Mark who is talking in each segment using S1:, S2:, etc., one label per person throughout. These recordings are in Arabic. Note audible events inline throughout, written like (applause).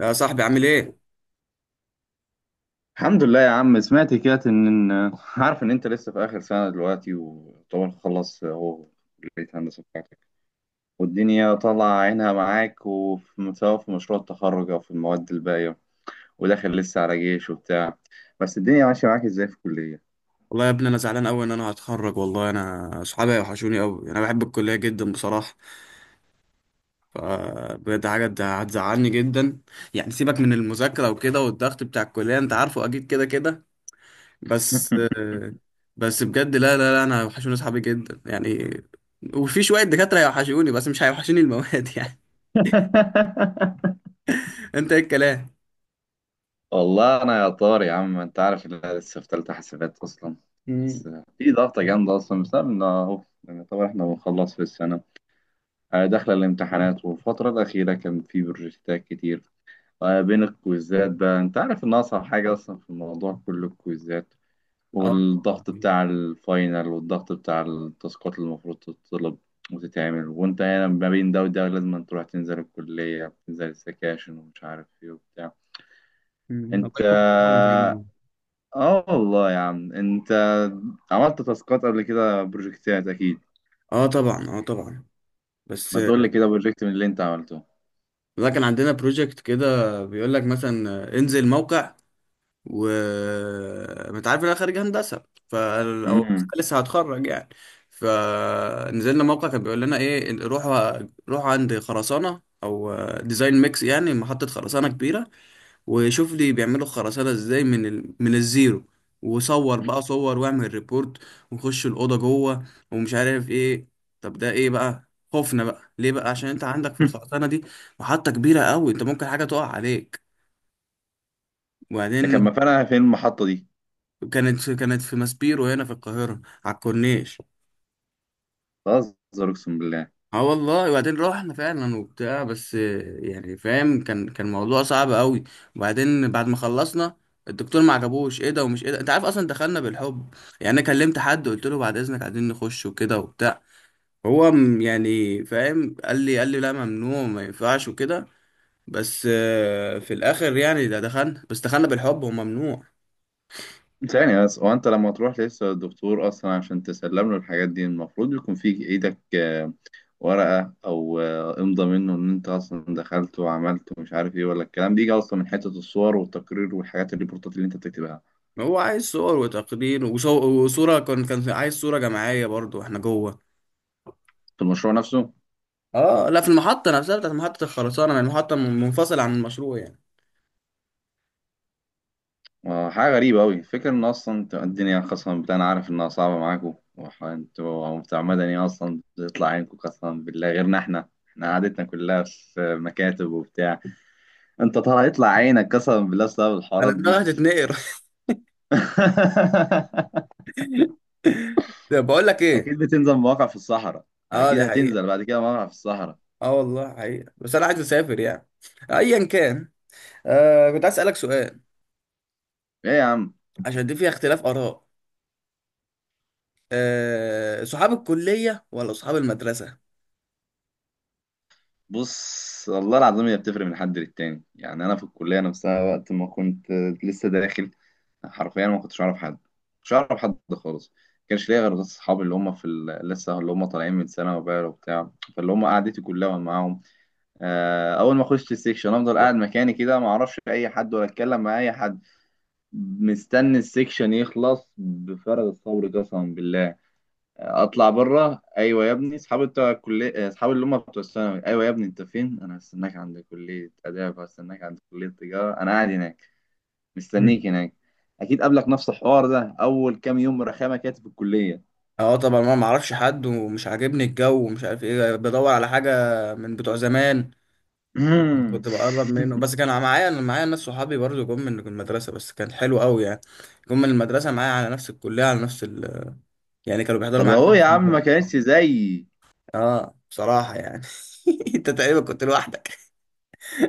S1: يا صاحبي عامل ايه؟
S2: الحمد لله يا عم. سمعت كده ان عارف ان انت لسه في اخر سنه دلوقتي، وطبعا خلص اهو كليه هندسه بتاعتك، والدنيا طالعه عينها معاك، وفي سواء في مشروع التخرج او في المواد الباقيه، وداخل لسه على جيش وبتاع. بس الدنيا ماشيه معاك ازاي في الكليه؟
S1: والله يا ابني انا زعلان قوي ان انا هتخرج. والله انا اصحابي وحشوني قوي، انا بحب الكليه جدا بصراحه. فبجد حاجه هتزعلني جدا. يعني سيبك من المذاكره وكده والضغط بتاع الكليه، انت عارفه اكيد كده كده. بس بس بجد لا انا وحشوني اصحابي جدا يعني. وفي شويه دكاتره هيوحشوني، بس مش هيوحشوني المواد (laughs) يعني.
S2: (laughs)
S1: انت ايه الكلام؟
S2: والله انا يا طار يا عم، انت عارف ان انا لسه في ثالثه حسابات اصلا.
S1: مم.
S2: بس في ضغطه جامده اصلا بسبب ان اهو يعني طبعا احنا بنخلص في السنه. داخلة الامتحانات، والفترة الأخيرة كان في بروجكتات كتير. بين الكويزات بقى، أنت عارف إن أصعب حاجة أصلا في الموضوع كله الكويزات،
S1: اه طبعا.
S2: والضغط بتاع الفاينل، والضغط بتاع التاسكات اللي المفروض تطلب وتتعمل، وأنت هنا ما بين ده وده لازم أن تروح تنزل الكلية وتنزل السكاشن ومش عارف إيه وبتاع.
S1: مم. الله
S2: أنت
S1: يكون في عونك يا
S2: آه
S1: ابني.
S2: آه والله يا عم، أنت عملت تاسكات قبل كده، بروجكتات أكيد.
S1: اه طبعا، اه طبعا بس.
S2: ما تقول لي كده بروجكت من اللي أنت عملته.
S1: لا كان عندنا بروجكت كده بيقول لك مثلا انزل موقع، و انت عارف إن انا خارج هندسه، ف او
S2: مم.
S1: لسه هتخرج يعني. فنزلنا موقع كان بيقول لنا ايه، روحوا روحوا عند خرسانه او ديزاين ميكس، يعني محطه خرسانه كبيره، وشوف لي بيعملوا خرسانة ازاي من من الزيرو. وصور بقى، صور واعمل ريبورت ونخش الأوضة جوه ومش عارف ايه. طب ده ايه بقى خوفنا بقى ليه بقى؟ عشان انت عندك في
S2: (laughs)
S1: الخرسانة دي محطة كبيرة قوي، انت ممكن حاجة تقع عليك.
S2: كان
S1: وبعدين
S2: مكانها فين المحطة دي؟
S1: كانت في ماسبيرو هنا في القاهرة على الكورنيش.
S2: بهزر، أقسم بالله.
S1: اه والله. وبعدين روحنا فعلا وبتاع، بس يعني فاهم، كان موضوع صعب قوي. وبعدين بعد ما خلصنا الدكتور ما عجبوش ايه ده ومش ايه ده، انت عارف اصلا دخلنا بالحب يعني. انا كلمت حد قلت له بعد اذنك عايزين نخش وكده وبتاع، هو يعني فاهم، قال لي، قال لي لا ممنوع ما ينفعش وكده. بس في الاخر يعني ده دخلنا، بس دخلنا بالحب وممنوع.
S2: ثانية بس، هو أنت لما تروح لسه الدكتور أصلا عشان تسلم له الحاجات دي، المفروض يكون في إيدك ورقة أو إمضى منه إن أنت أصلا دخلت وعملت ومش عارف إيه، ولا الكلام بيجي أصلا من حتة الصور والتقرير والحاجات، الريبورتات اللي أنت بتكتبها
S1: هو عايز صور وتقرير وصورة، كان عايز صورة جماعية برضو واحنا جوه.
S2: في المشروع نفسه؟
S1: اه لا، في المحطة نفسها بتاعت محطة الخرسانة، يعني المحطة منفصلة عن المشروع يعني.
S2: حاجة غريبة أوي فكرة إن أصلا الدنيا خاصة بالله. أنا عارف إنها صعبة معاكم، وأنتوا بتاع مدني أصلا بتطلع عينكم قسما بالله. غيرنا إحنا قعدتنا كلها في مكاتب وبتاع. انت ترى هيطلع عينك قسما بالله بسبب
S1: انا
S2: الحوارات
S1: دماغي
S2: دي.
S1: هتتنقر.
S2: (laughs)
S1: (laughs) طب بقول لك ايه.
S2: اكيد بتنزل مواقع في الصحراء.
S1: اه
S2: اكيد
S1: دي حقيقة.
S2: هتنزل بعد كده مواقع في الصحراء.
S1: اه والله حقيقة، بس انا عايز اسافر يعني، ايا كان. آه كنت عايز اسألك سؤال،
S2: ايه يا عم؟
S1: عشان دي فيها اختلاف اراء. آه، صحاب الكلية ولا صحاب المدرسة؟
S2: بص والله العظيم، هي بتفرق من حد للتاني يعني. انا في الكليه نفسها وقت ما كنت لسه داخل، حرفيا ما كنتش اعرف حد. مش اعرف حد خالص، ما كانش ليا غير بس اصحابي اللي هم لسه اللي هم طالعين من ثانوي بقى وبتاع، فاللي هم قعدتي كلها معاهم. اول ما اخش السكشن افضل قاعد مكاني كده، ما اعرفش اي حد ولا اتكلم مع اي حد، مستني السكشن يخلص بفارغ الصبر قسما بالله. اطلع بره، ايوه يا ابني، اصحابي بتوع الكليه، اصحابي اللي هم بتوع الثانوي، ايوه يا ابني انت فين؟ انا هستناك عند كليه اداب، هستناك عند كليه تجاره، انا قاعد هناك
S1: مم.
S2: مستنيك هناك. اكيد قابلك نفس الحوار ده اول كام يوم، رخامه كانت في الكليه.
S1: اه طبعا، ما معرفش حد ومش عاجبني الجو ومش عارف ايه، بدور على حاجة من بتوع زمان. كنت بقرب
S2: (laughs)
S1: منه، بس كان معايا، انا معايا ناس صحابي برضو جم من المدرسه، بس كان حلو قوي يعني. جم من المدرسه معايا على نفس الكليه على نفس يعني كانوا بيحضروا
S2: طب
S1: معايا
S2: اهو يا
S1: نفس
S2: عم، ما
S1: المدرسة.
S2: كانتش زيي.
S1: اه بصراحه يعني. (laughs) انت تقريبا كنت لوحدك.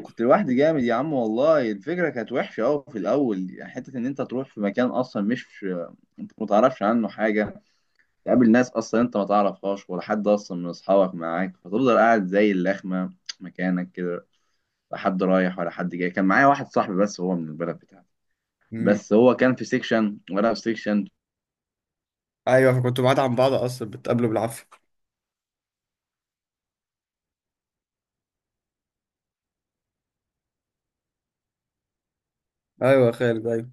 S2: كنت لوحدي جامد يا عم، والله الفكره كانت وحشه قوي في الاول يعني، حته ان انت تروح في مكان اصلا مش انت ما تعرفش عنه حاجه، تقابل ناس اصلا انت ما تعرفهاش ولا حد اصلا من اصحابك معاك، فتفضل قاعد زي اللخمه مكانك كده، لا حد رايح ولا حد جاي. كان معايا واحد صاحبي بس هو من البلد بتاعتي،
S1: مم.
S2: بس هو كان في سيكشن وانا في سيكشن.
S1: ايوه، فكنت بعاد عن بعض اصلا، بتقابلوا بالعافيه. ايوه يا خالد ايوه.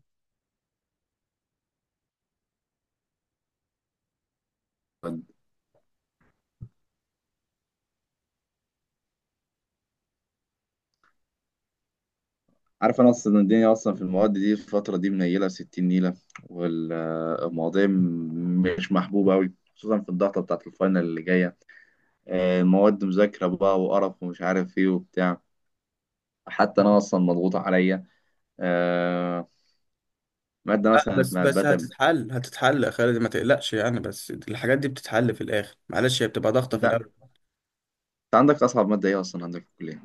S2: عارف انا اصلا الدنيا اصلا في المواد دي في الفتره دي منيله 60 نيله، والمواضيع مش محبوبه قوي، خصوصا في الضغطه بتاعت الفاينل اللي جايه. المواد مذاكره بقى وقرف ومش عارف ايه وبتاع. حتى انا اصلا مضغوط عليا. آه، ماده
S1: لا،
S2: مثلا
S1: بس
S2: اسمها
S1: بس
S2: البتر.
S1: هتتحل، هتتحل يا خالد ما تقلقش يعني. بس الحاجات دي بتتحل في الاخر، معلش هي بتبقى ضغطه في الاول.
S2: انت عندك اصعب ماده ايه اصلا عندك في الكليه؟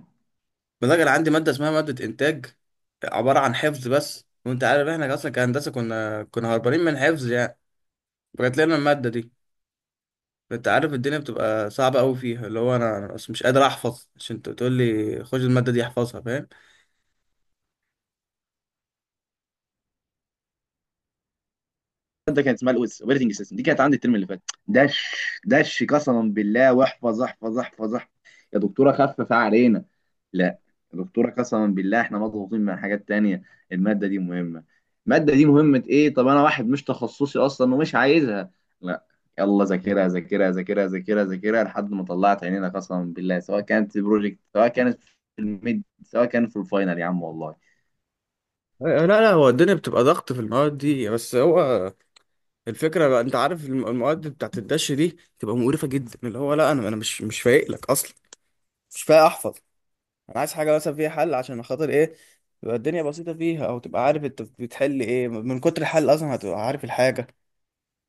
S1: بلاقي انا عندي ماده اسمها ماده انتاج، عباره عن حفظ بس، وانت عارف احنا اصلا كهندسه كنا هربانين من حفظ يعني. جات لنا المادة دي. انت عارف الدنيا بتبقى صعبة قوي فيها، اللي هو انا بس مش قادر احفظ. عشان انت بتقول لي خش المادة دي احفظها، فاهم؟
S2: ماده كانت اسمها الاوبريتنج سيستم، دي كانت عندي الترم اللي فات. دش، دش قسما بالله، واحفظ احفظ احفظ احفظ. يا دكتوره خفف علينا. لا، يا دكتوره قسما بالله احنا مضغوطين من حاجات تانية. الماده دي مهمه. الماده دي مهمه؟ ايه؟ طب انا واحد مش تخصصي اصلا ومش عايزها. لا، يلا ذاكرها ذاكرها ذاكرها ذاكرها ذاكرها لحد ما طلعت عينينا قسما بالله، سواء كانت في بروجكت، سواء كانت في الميد، سواء كانت في الفاينل، يا عم والله.
S1: لا هو الدنيا بتبقى ضغط في المواد دي، بس هو الفكره بقى، انت عارف المواد بتاعت الدش دي بتبقى مقرفه جدا. اللي هو لا انا مش مش فايق لك اصلا، مش فايق احفظ. انا عايز حاجه مثلا فيها حل، عشان خاطر ايه؟ تبقى الدنيا بسيطه فيها، او تبقى عارف انت بتحل ايه، من كتر الحل اصلا هتبقى عارف الحاجه.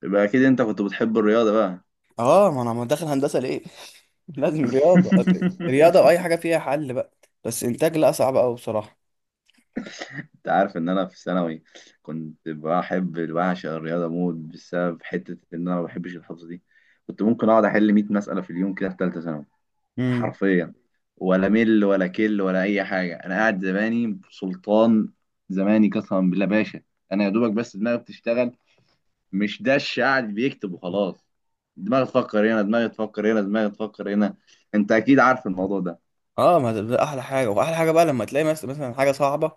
S2: يبقى اكيد انت كنت بتحب الرياضه بقى.
S1: اه ما انا ما داخل هندسه ليه؟ (laughs) لازم رياضه. رياضه واي حاجه فيها حل بقى. بس انتاج لا، صعب قوي بصراحه.
S2: انت عارف ان انا في ثانوي كنت بحب بعشق الرياضه موت، بسبب حته ان انا ما بحبش الحفظ دي. كنت ممكن اقعد احل 100 مساله في اليوم كده في ثالثه ثانوي،
S1: امم.
S2: حرفيا. ولا مل ولا كل ولا اي حاجه، انا قاعد زماني سلطان، زماني قسما بالله باشا. انا يا دوبك بس دماغي بتشتغل، مش دش قاعد بيكتب وخلاص. دماغي تفكر هنا، دماغي تفكر هنا، دماغي تفكر هنا. انت اكيد عارف الموضوع ده.
S1: اه ما ده ده احلى حاجه. واحلى حاجه بقى لما تلاقي مثلا حاجه صعبه،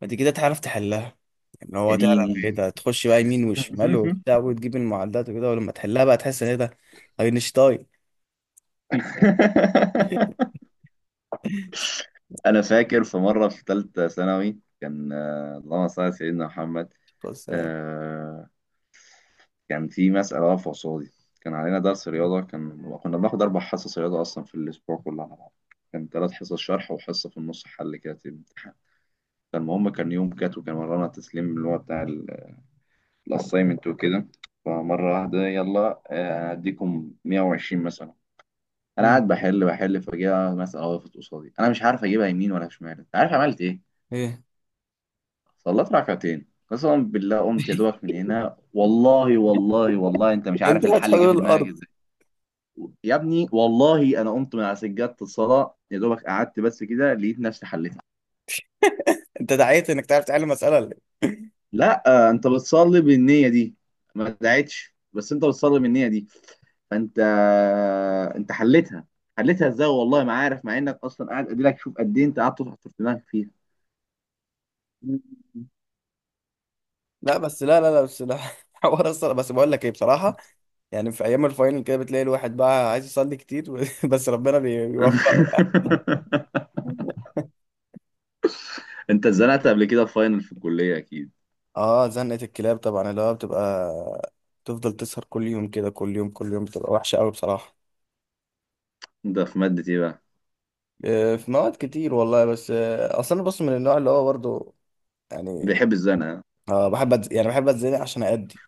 S1: بعد كده تعرف تحلها. ان
S2: يا
S1: هو تعرف ايه
S2: ديني.
S1: ده، تخش بقى يمين وشمال وبتاع وتجيب المعدات وكده، ولما تحلها بقى تحس ان ايه ده، اينشتاين. (laughs)
S2: (laughs) انا فاكر في مره في ثالثه ثانوي، كان اللهم صل على سيدنا محمد.
S1: بص لا.
S2: آه، كان في مساله واقفه قصادي. كان علينا درس رياضه، كنا بناخد اربع حصص رياضه اصلا في الاسبوع كله على بعض. كان ثلاث حصص شرح وحصه في النص حل كده في الامتحان. فالمهم كان يوم كات، وكان ورانا تسليم اللي هو بتاع الاساينمنت وكده. فمره واحده يلا، هديكم 120 مثلا. انا
S1: امم.
S2: قاعد بحل بحل، فجاه مساله وقفت قصادي انا مش عارف اجيبها يمين ولا شمال. انت عارف عملت إيه؟
S1: ايه.
S2: صليت ركعتين. قسما بالله قمت يا دوبك من هنا، والله والله والله انت مش عارف
S1: انت
S2: الحل جه
S1: هتحلول
S2: في دماغك
S1: الارض.
S2: ازاي. يا ابني والله انا قمت من على سجادة الصلاة يا دوبك قعدت بس كده لقيت نفسي حليتها.
S1: انت دعيت انك تعرف تحل مساله ولا
S2: لا، انت بتصلي بالنية دي. ما دعيتش بس انت بتصلي بالنية دي. فانت، انت حليتها. حليتها ازاي والله ما عارف، مع انك اصلا قاعد اديلك شوف قد ايه انت قعدت تحط في دماغك فيها.
S1: إيه؟ لا بس لا لا لا بس لا (laughs) حوار اصلا، بس بقول لك ايه بصراحه، يعني في ايام الفاينل كده بتلاقي الواحد بقى عايز يصلي كتير (laughs) بس ربنا بيوفقه يعني.
S2: (laughs) انت اتزنقت قبل كده في فاينل في الكلية اكيد.
S1: اه زنقه الكلاب طبعا، اللي هو بتبقى تفضل تسهر كل يوم كده، كل يوم كل يوم، بتبقى وحشه قوي بصراحه.
S2: انت في مادة ايه بقى؟
S1: في مواد كتير والله، بس اصل انا بص من النوع اللي هو برضو يعني
S2: بيحب الزنقة.
S1: اه بحب يعني بحب اتزنق عشان ادي.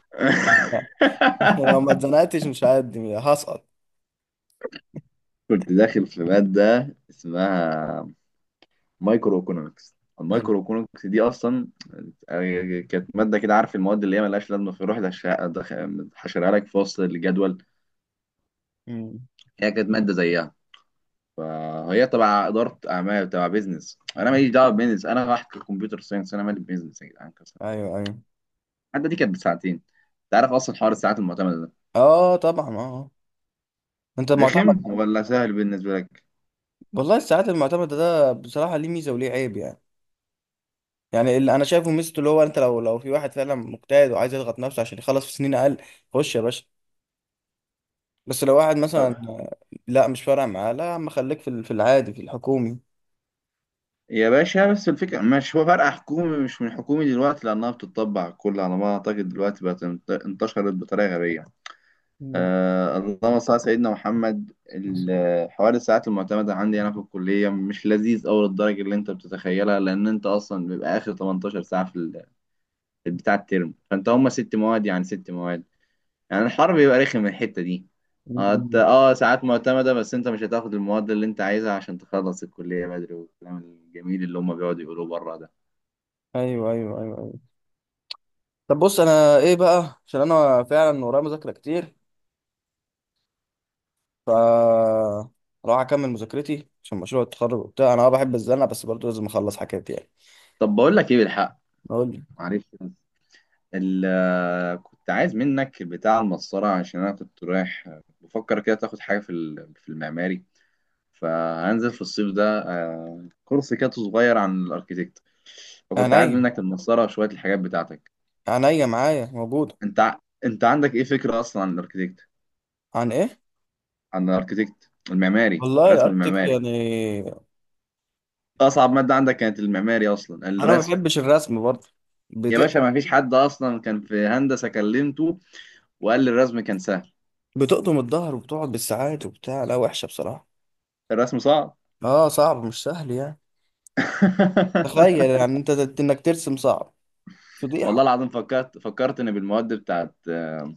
S1: (laughs) لو ما
S2: (laughs)
S1: اتزنقتش مش هادي، هسقط.
S2: كنت داخل في مادة اسمها مايكرو ايكونومكس.
S1: حلو.
S2: المايكرو ايكونومكس دي أصلا كانت مادة كده، عارف المواد اللي هي ملهاش لازمة في روح حشرها لك في وسط الجدول.
S1: مم.
S2: هي كانت مادة زيها. فهي تبع إدارة أعمال، تبع بيزنس، أنا ماليش دعوة بيزنس، أنا رايح كمبيوتر ساينس، أنا مالي بيزنس يا جدعان قسماً بالله.
S1: ايوه ايوه.
S2: المادة دي كانت بساعتين. أنت عارف أصلا حوار الساعات المعتمدة ده
S1: اه طبعا اه. انت معتمد؟
S2: رخم ولا سهل بالنسبة لك؟
S1: والله الساعات المعتمدة ده بصراحة ليه ميزة وليه عيب يعني. يعني اللي أنا شايفه ميزته اللي هو أنت لو في واحد فعلا مجتهد وعايز يضغط نفسه عشان يخلص في سنين أقل، خش يا باشا. بس لو واحد مثلا لا مش فارق معاه، لا يا عم خليك في في العادي في الحكومي.
S2: يا باشا بس الفكرة مش هو فرق حكومي، مش من حكومي دلوقتي، لأنها بتطبع كل على ما أعتقد دلوقتي بقت انتشرت بطريقة غبية.
S1: مم.
S2: آه، اللهم صل على سيدنا محمد.
S1: بس.
S2: حوار الساعات المعتمدة عندي أنا في الكلية مش لذيذ أوي للدرجة اللي أنت بتتخيلها، لأن أنت أصلا بيبقى آخر 18 ساعة في بتاع الترم، فأنت هما ست مواد، يعني ست مواد، يعني الحر بيبقى رخم من الحتة دي.
S1: مم.
S2: ساعات معتمدة، بس أنت مش هتاخد المواد اللي أنت عايزها عشان تخلص الكلية بدري، والكلام الجميل اللي هما بيقعدوا يقولوه بره ده.
S1: أيوه أيوه أيوه أيوه. طب بص أنا إيه بقى؟ عشان أنا فعلا ورايا مذاكرة كتير، ف راح أكمل مذاكرتي عشان مشروع التخرج وبتاع. أنا أه بحب الزنقة بس برضه لازم أخلص حاجات يعني.
S2: طب بقول لك ايه بالحق.
S1: قول لي.
S2: معلش بس، كنت عايز منك بتاع المسطرة، عشان انا كنت رايح بفكر كده تاخد حاجة في المعماري، فهنزل في الصيف ده كورس كده صغير عن الاركيتكت. فكنت عايز
S1: عينيا.
S2: منك المسطرة وشوية الحاجات بتاعتك.
S1: عينيا معايا موجود.
S2: انت عندك ايه فكرة اصلا عن الاركيتكت؟
S1: عن ايه؟
S2: عن الاركيتكت المعماري،
S1: والله
S2: الرسم
S1: الاركتيك
S2: المعماري.
S1: يعني.
S2: اصعب مادة عندك كانت المعماري اصلا،
S1: انا ما
S2: الرسم.
S1: بحبش الرسم برضه.
S2: يا
S1: بت...
S2: باشا ما فيش حد اصلا كان في هندسة كلمته وقال لي الرسم كان سهل.
S1: بتقطم الظهر وبتقعد بالساعات وبتاع، لا وحشه بصراحه.
S2: الرسم صعب.
S1: اه صعب، مش سهل يعني. تخيل
S2: (laughs)
S1: يعني انت انك ترسم صعب،
S2: والله
S1: فضيحه.
S2: العظيم فكرت، ان بالمواد بتاعت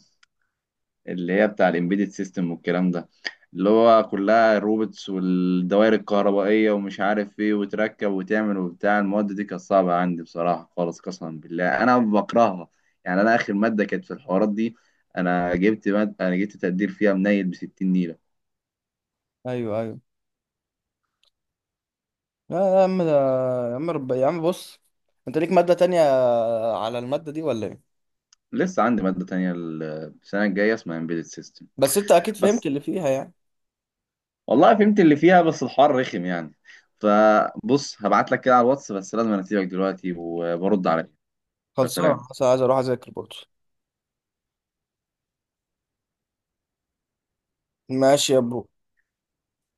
S2: اللي هي بتاع الامبيدد سيستم والكلام ده، اللي هو كلها الروبوتس والدوائر الكهربائيه ومش عارف ايه وتركب وتعمل وبتاع. المواد دي كانت صعبه عندي بصراحه خالص قسما بالله، انا بكرهها يعني. انا اخر ماده كانت في الحوارات دي، انا جبت مادة، انا جبت تقدير فيها منيل ب 60 نيله.
S1: ايوه ايوه. لا يا عم ده، يا عم يا عم بص، انت ليك ماده تانية على الماده دي ولا ايه؟
S2: لسه عندي ماده تانية السنه الجايه اسمها امبيدد سيستم.
S1: بس انت اكيد فهمت
S2: بس
S1: اللي فيها يعني.
S2: والله فهمت اللي فيها، بس الحوار رخم يعني. فبص هبعت لك كده على الواتس، بس لازم أنا اسيبك دلوقتي وبرد عليك.
S1: خلصانه،
S2: فسلام.
S1: بس عايز اروح اذاكر برضه. ماشي يا برو